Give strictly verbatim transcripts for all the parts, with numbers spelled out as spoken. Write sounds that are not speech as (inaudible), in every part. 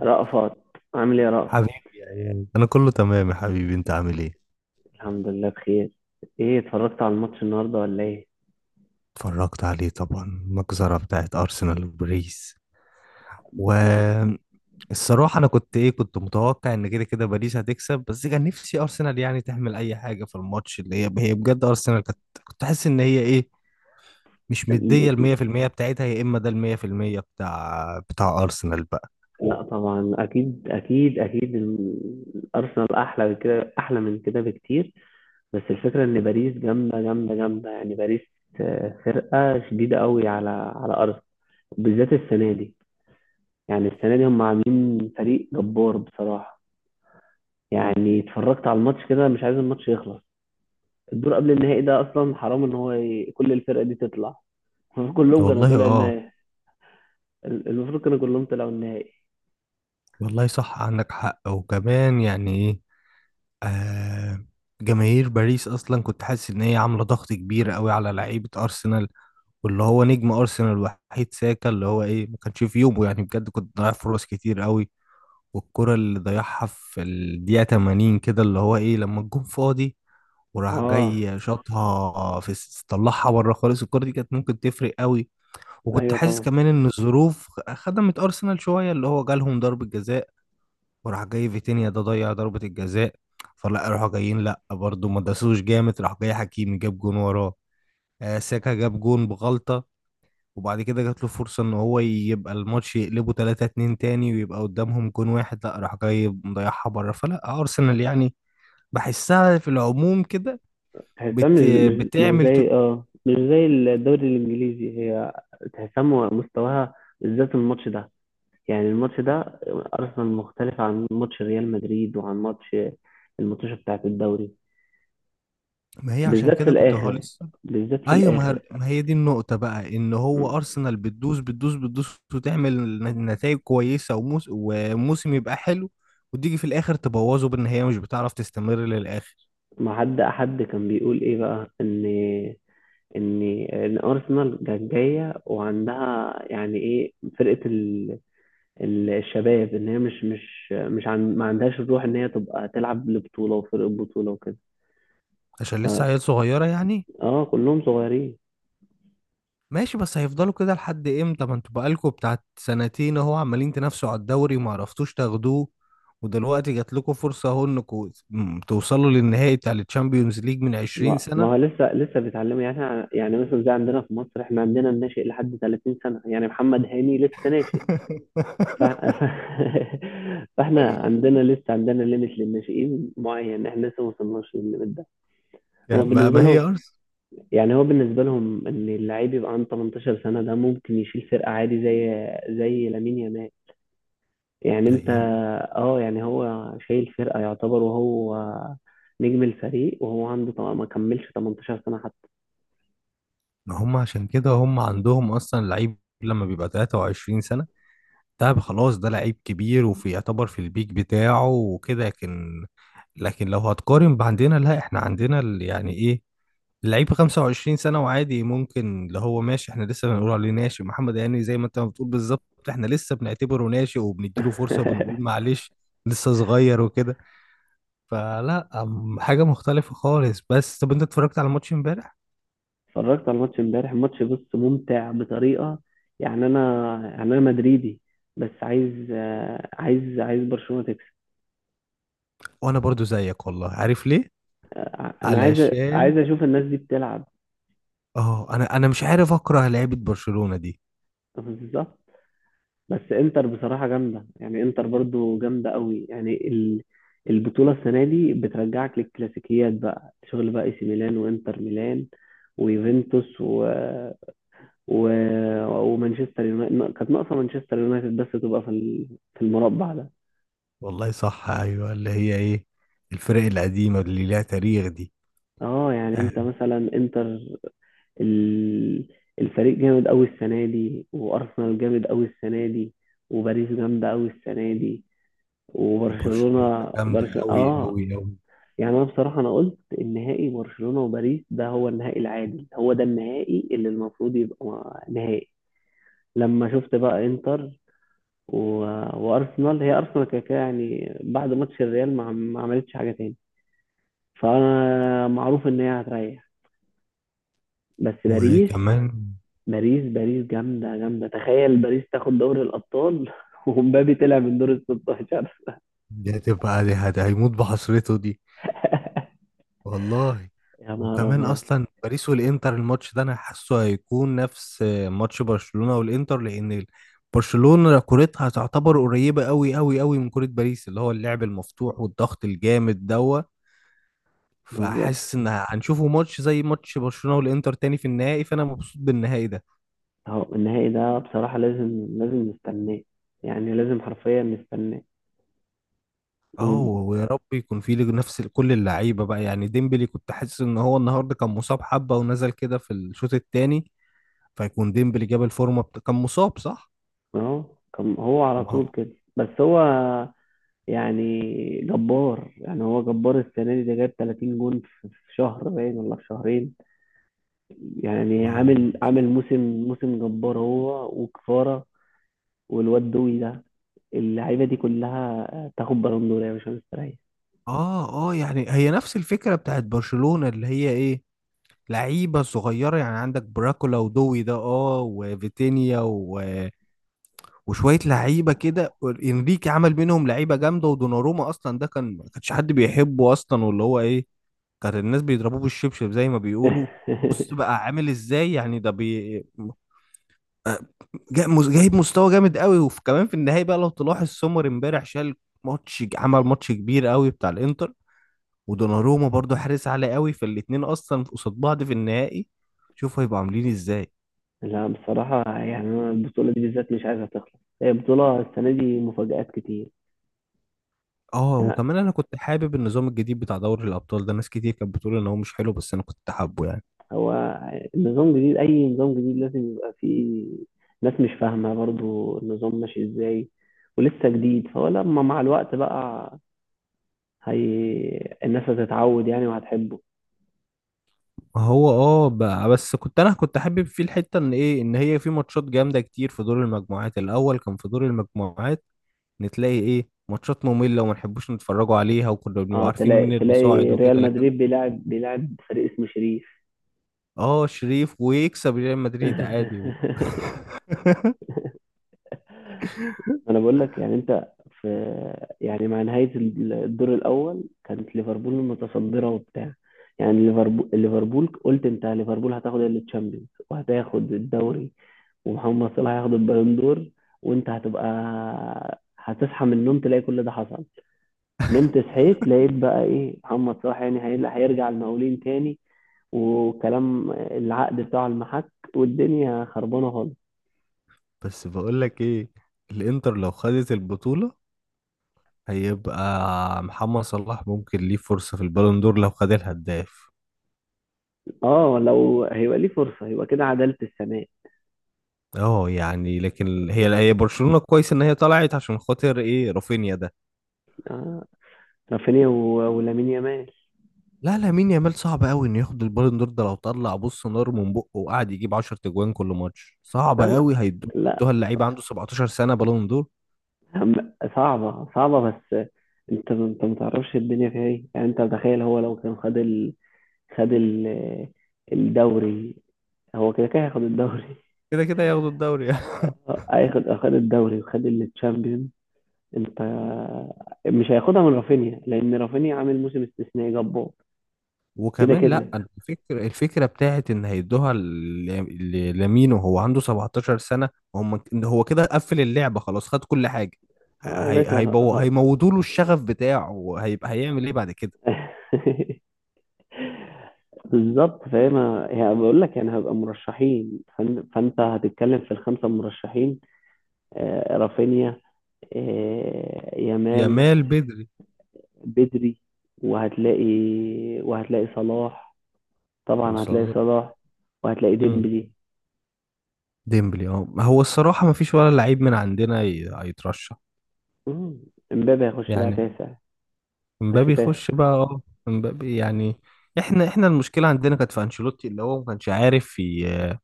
رأفت، عامل ايه يا رأفت؟ حبيبي يا اياد، انا كله تمام يا حبيبي. انت عامل ايه؟ الحمد لله بخير. ايه، اتفرجت على الماتش النهارده ولا ايه؟ اتفرجت عليه طبعا، المجزرة بتاعت ارسنال وباريس. والصراحة انا كنت ايه كنت متوقع ان كده كده باريس هتكسب، بس كان نفسي ارسنال يعني تعمل اي حاجة في الماتش، اللي هي هي بجد ارسنال كانت، كنت حاسس ان هي ايه مش مدية ال مية في المية بتاعتها، يا اما ده ال مية في المية بتاع بتاع ارسنال بقى. لا طبعا، اكيد اكيد اكيد ال- الارسنال احلى من كده، احلى من كده بكتير. بس الفكره ان باريس جامده جامده جامده، يعني باريس آه، فرقه شديده قوي على على ارسنال، بالذات السنه دي. يعني السنه دي هم عاملين فريق جبار بصراحه. يعني اتفرجت على الماتش كده مش عايز الماتش يخلص. الدور قبل النهائي ده اصلا حرام ان هو ي- كل الفرق دي تطلع. المفروض كلهم كانوا والله، طلعوا اه. النهائي. ال- المفروض كانوا كلهم طلعوا النهائي. والله صح، عندك حق. وكمان يعني ايه آه، جماهير باريس اصلا كنت حاسس ان هي عامله ضغط كبير قوي على لعيبه ارسنال، واللي هو نجم ارسنال الوحيد ساكا، اللي هو ايه ما كانش في يومه، يعني بجد كنت ضيع فرص كتير قوي. والكره اللي ضيعها في الدقيقه تمانين كده، اللي هو ايه لما الجون فاضي، وراح اه، جاي شاطها في الس- طلعها بره خالص. الكره دي كانت ممكن تفرق قوي. وكنت ايوه حاسس طبعا. كمان ان الظروف خدمت ارسنال شويه، اللي هو جالهم ضربه جزاء، وراح جاي فيتينيا ده ضيع ضربة الجزاء، فلا راحوا جايين، لا برضه ما داسوش جامد، راح جاي حكيمي جاب جون وراه. آه، ساكا جاب جون بغلطة، وبعد كده جات له فرصة ان هو يبقى الماتش يقلبه تلاتة اتنين تاني، ويبقى قدامهم جون واحد، لا راح جاي مضيعها بره. فلا ارسنال يعني بحسها في العموم كده. تحسها مش بت... مش مش بتعمل ت... زي اه مش زي الدوري الانجليزي، هي تحسها م- مستواها، بالذات الماتش ده. يعني الماتش ده، ارسنال مختلف عن ماتش ريال مدريد وعن ماتش، الماتشات بتاعت الدوري. ما هي عشان بالذات في كده كنت هو الاخر، لسه. بالذات في ايوه، ما الاخر. هي ما هي دي النقطة بقى، ان م- هو ارسنال بتدوس بتدوس بتدوس وتعمل نتائج كويسة، وموس وموسم يبقى حلو، وتيجي في الاخر تبوظه بان هي مش بتعرف تستمر للاخر. ما حد حد كان بيقول ايه بقى ان ان ان ارسنال كانت جايه وعندها، يعني ايه، فرقه ال- الشباب، ان هي مش مش مش عن ما عندهاش الروح ان هي تبقى تلعب لبطوله وفرق بطوله وكده. عشان لسه ف عيال صغيرة يعني. اه، كلهم صغيرين. ماشي، بس هيفضلوا كده لحد امتى؟ ما انتوا بقالكوا بتاعت سنتين اهو عمالين تنافسوا على الدوري وما عرفتوش تاخدوه، ودلوقتي جات لكم فرصة اهو انكم توصلوا للنهائي بتاع الشامبيونز ليج من عشرين ما ما هو سنة. لسه لسه بيتعلموا يعني. إحنا- يعني مثلا زي عندنا في مصر، احنا عندنا الناشئ لحد ثلاثين سنه، يعني محمد هاني لسه ناشئ. (laughs) ف... ف... (laughs) فاحنا عندنا لسه عندنا ليميت للناشئين معين، احنا لسه ما وصلناش للليميت ده. هو يعني ما بالنسبه ما هي لهم، ارسنال. يعني هو بالنسبه لهم ان اللعيب يبقى عنده تمنتاشر سنه، ده ممكن يشيل فرقه عادي زي زي لامين يامال. يعني انت اه يعني هو شايل فرقة يعتبر، وهو نجم الفريق، وهو عنده طبعا ما كملش تمنتاشر سنة حتى. ما هم عشان كده هم عندهم اصلا لعيب لما بيبقى تلاتة وعشرين سنة، ده خلاص ده لعيب كبير وفي يعتبر في البيك بتاعه وكده. لكن لكن لو هتقارن بعندنا، لا احنا عندنا ال- يعني ايه اللعيب خمسة وعشرين سنة وعادي، ممكن اللي هو ماشي احنا لسه بنقول عليه ناشئ، محمد هاني زي ما انت ما بتقول بالظبط. احنا لسه بنعتبره ناشئ وبنديله فرصة وبنقول (laughs) معلش، لسه صغير وكده. فلا أم- حاجة مختلفة خالص. بس طب انت اتفرجت على ماتش امبارح؟ اتفرجت على الماتش امبارح، الماتش بص ممتع بطريقة. يعني انا يعني انا مدريدي، بس عايز آه، عايز عايز برشلونة تكسب. وانا برضو زيك والله، عارف ليه؟ آه، انا عايز علشان عايز اشوف الناس دي بتلعب. اه، انا انا مش عارف اكره لعيبه برشلونه دي. (laughs) بالظبط. بس انتر بصراحة جامدة، يعني انتر برضو جامدة قوي. يعني ال- البطولة السنة دي بترجعك للكلاسيكيات، بقى شغل بقى اي سي ميلان وانتر ميلان ويوفنتوس و... و... ومانشستر يونايتد كانت ناقصة، مانشستر يونايتد بس تبقى في ال- في المربع ده. والله صح، ايوه، اللي هي ايه الفرق القديمه اللي ليها تاريخ دي. اه، يعني آه، انت مثلا انتر. ال... الفريق جامد قوي السنة دي، وارسنال جامد قوي السنة دي، وباريس جامدة قوي السنة دي، برشلونه وبرشلونة. جامده برش... قوي اه قوي قوي. يعني انا بصراحه، انا قلت النهائي برشلونه وباريس، ده هو النهائي العادل، هو ده النهائي اللي المفروض يبقى. م- نهائي. لما شفت بقى انتر و... وارسنال، هي ارسنال كده كده، يعني بعد ماتش الريال ما, ما عملتش حاجه تاني، فانا معروف ان هي هتريح. بس باريس، وكمان باريس باريس جامده جامده، تخيل باريس تاخد دوري الابطال. (laughs) ومبابي طلع من دور ال ستاشر. دي هتبقى دي هت- هيموت بحسرته دي (laughs) والله. يا نهار وكمان ابيض، اصلا باريس والانتر الماتش ده انا حاسه هيكون نفس ماتش برشلونه والانتر، لان برشلونه كورتها تعتبر قريبه قوي قوي قوي من كوره باريس، اللي هو اللعب المفتوح والضغط الجامد دوت. بالظبط. فحاسس ان هنشوفه ماتش زي ماتش برشلونة والانتر تاني في النهائي، فانا مبسوط بالنهائي ده. اهو النهائي ده بصراحة لازم لازم نستناه، يعني لازم حرفيا نستناه. اه، وهم- ويا رب يكون فيه نفس ال- كل اللعيبه بقى. يعني ديمبلي كنت حاسس ان هو النهارده كان مصاب حبه ونزل كده في الشوط التاني، فيكون ديمبلي جاب الفورمه بتا... كان مصاب صح؟ اهو كان هو على ما طول هو كده، بس هو يعني جبار، يعني هو جبار السنة دي، ده جاب تلاتين جون في في شهر باين ولا في شهرين. يعني ما هو عامل مش عامل عارف. موسم، موسم جبار هو، وكفارة. والواد دوي ده، اللعيبة دي كلها آه، تاخد بالون دور يا باشا، مستريح. اه، اه، يعني هي نفس الفكره بتاعت برشلونة، اللي هي ايه لعيبه صغيره. يعني عندك براكولا ودوي ده، اه، وفيتينيا و وشويه لعيبه كده. انريكي عمل منهم لعيبه جامده، ودوناروما اصلا ده كان ما كانش حد بيحبه اصلا، واللي هو ايه كان الناس بيضربوه بالشبشب زي ما بيقولوا. بص (laughs) بقى عامل ازاي. يعني ده بي آه، جا- مز- جايب مستوى جامد قوي، وكمان في النهايه بقى لو تلاحظ سومر امبارح شال ماتش، عمل ماتش كبير قوي بتاع الانتر. ودوناروما برضو حارس عالي قوي، فالاتنين اصلا قصاد بعض في النهائي، شوفوا هيبقوا عاملين ازاي. لا، بصراحة يعني أنا البطولة دي بالذات مش عايزها تخلص، هي بطولة السنة دي مفاجآت كتير. اه، يعني وكمان انا كنت حابب النظام الجديد بتاع دوري الابطال ده، ناس كتير كانت بتقول ان هو مش حلو، بس انا كنت حابه يعني. هو النظام جديد، أي نظام جديد لازم يبقى فيه ناس مش فاهمة برضو النظام ماشي إزاي، ولسه جديد. فهو لما مع الوقت بقى، هي الناس هتتعود يعني، وهتحبه. هو اه بقى، بس كنت انا كنت حابب فيه الحته ان ايه ان هي في ماتشات جامده كتير. في دور المجموعات الاول، كان في دور المجموعات نتلاقي ايه ماتشات ممله وما نحبوش نتفرجوا عليها، وكنا بنبقى اه، عارفين مين تلاقي اللي صاعد تلاقي وكده. ريال لكن مدريد بيلعب بيلعب فريق اسمه شريف. اه، شريف ويكسب ريال مدريد عادي و... (laughs) (laughs) ما انا بقول لك، يعني انت في يعني مع نهاية الدور الاول كانت ليفربول متصدرة وبتاع. يعني ليفربول ليفربول قلت انت ليفربول هتاخد التشامبيونز وهتاخد الدوري، ومحمد صلاح هياخد البالون دور، وانت هتبقى هتصحى من النوم تلاقي كل ده حصل. نمت صحيت لقيت بقى ايه، محمد صلاح يعني هي- هيرجع المقاولين تاني، وكلام العقد بتاعه المحك، والدنيا خربانه خالص. بس بقول لك ايه، الانتر لو خدت البطوله هيبقى محمد صلاح ممكن ليه فرصة في البالون دور لو خد الهداف. اه، لو هيبقى ليه فرصه يبقى كده عداله السنه. اه يعني، لكن هي هي برشلونة كويس ان هي طلعت عشان خاطر ايه رافينيا ده. آه، رافينيا و- ولامين يامال. لا، لامين يامال صعب قوي انه ياخد البالون دور ده. لو طلع بص نار من بقه وقعد يجيب عشرة تجوان كل ماتش، صعب لا، ما- قوي لا، هيدوها اللعيبة عنده سبعتاشر سنة بالون دور. هم- صعبة صعبة. بس انت انت ما تعرفش الدنيا فيها ايه، يعني انت تخيل، هو لو كان خد ال... خد ال... الدوري، هو كده كده هياخد الدوري. كده كده ياخدوا الدوري. (laughs) (laughs) اه، هياخد خد الدوري وخد التشامبيون، انت مش هياخدها من رافينيا، لان رافينيا عامل موسم استثنائي جبار. كده وكمان لا، كده، أنا الفكرة الفكرة بتاعت ان هيدوها ل- ل- لمين وهو عنده سبعتاشر سنة. هم هو كده قفل اللعبة، خلاص خد كل حاجة. اه يا هي باشا، هيبو اه. هيموتوا له الشغف بتاعه، وهيبقى هيعمل ايه بعد كده. (laughs) بالضبط، فهي ما هي باقول لك، يعني هيبقى مرشحين، فأن فأنت هتتكلم في الخمسة مرشحين، آآ رافينيا، آآ يامال، يامال بدري. بدري، وهتلاقي وهتلاقي صلاح، طبعًا هتلاقي وصل. صلاح، وهتلاقي امم ديمبلي، ديمبلي اه، هو الصراحة ما فيش ولا لعيب من عندنا ي- هيترشح. إمم، إمبابي هيخش بقى يعني تاسع، هيخش امبابي تاسع. يخش بقى اه. امبابي يعني، احنا احنا المشكلة عندنا كانت في انشيلوتي، اللي هو ما كانش عارف ي-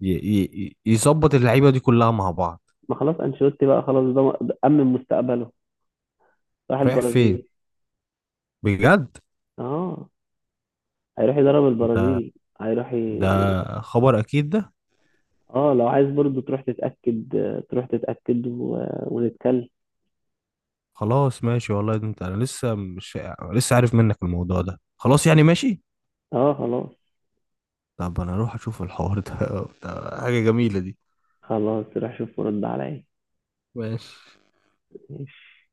ي- ي- يظبط اللعيبة دي كلها مع بعض. ما خلاص، أنشيلوتي بقى خلاص، ده م أمِّن مستقبله، راح رايح فين البرازيل. بجد؟ آه، هيروح يدرب ده البرازيل. هيروح ي ده خبر اكيد ده؟ اه لو عايز برضو تروح تتأكد، آه، تروح تتأكد و... ونتكلم. خلاص ماشي والله، ده انت انا لسه مش لسه عارف منك الموضوع ده. خلاص يعني، ماشي. اه، خلاص طب انا اروح اشوف الحوار ده، (laughs) ده حاجة جميلة دي. خلاص، روح شوف ورد عليا. ماشي ماشي.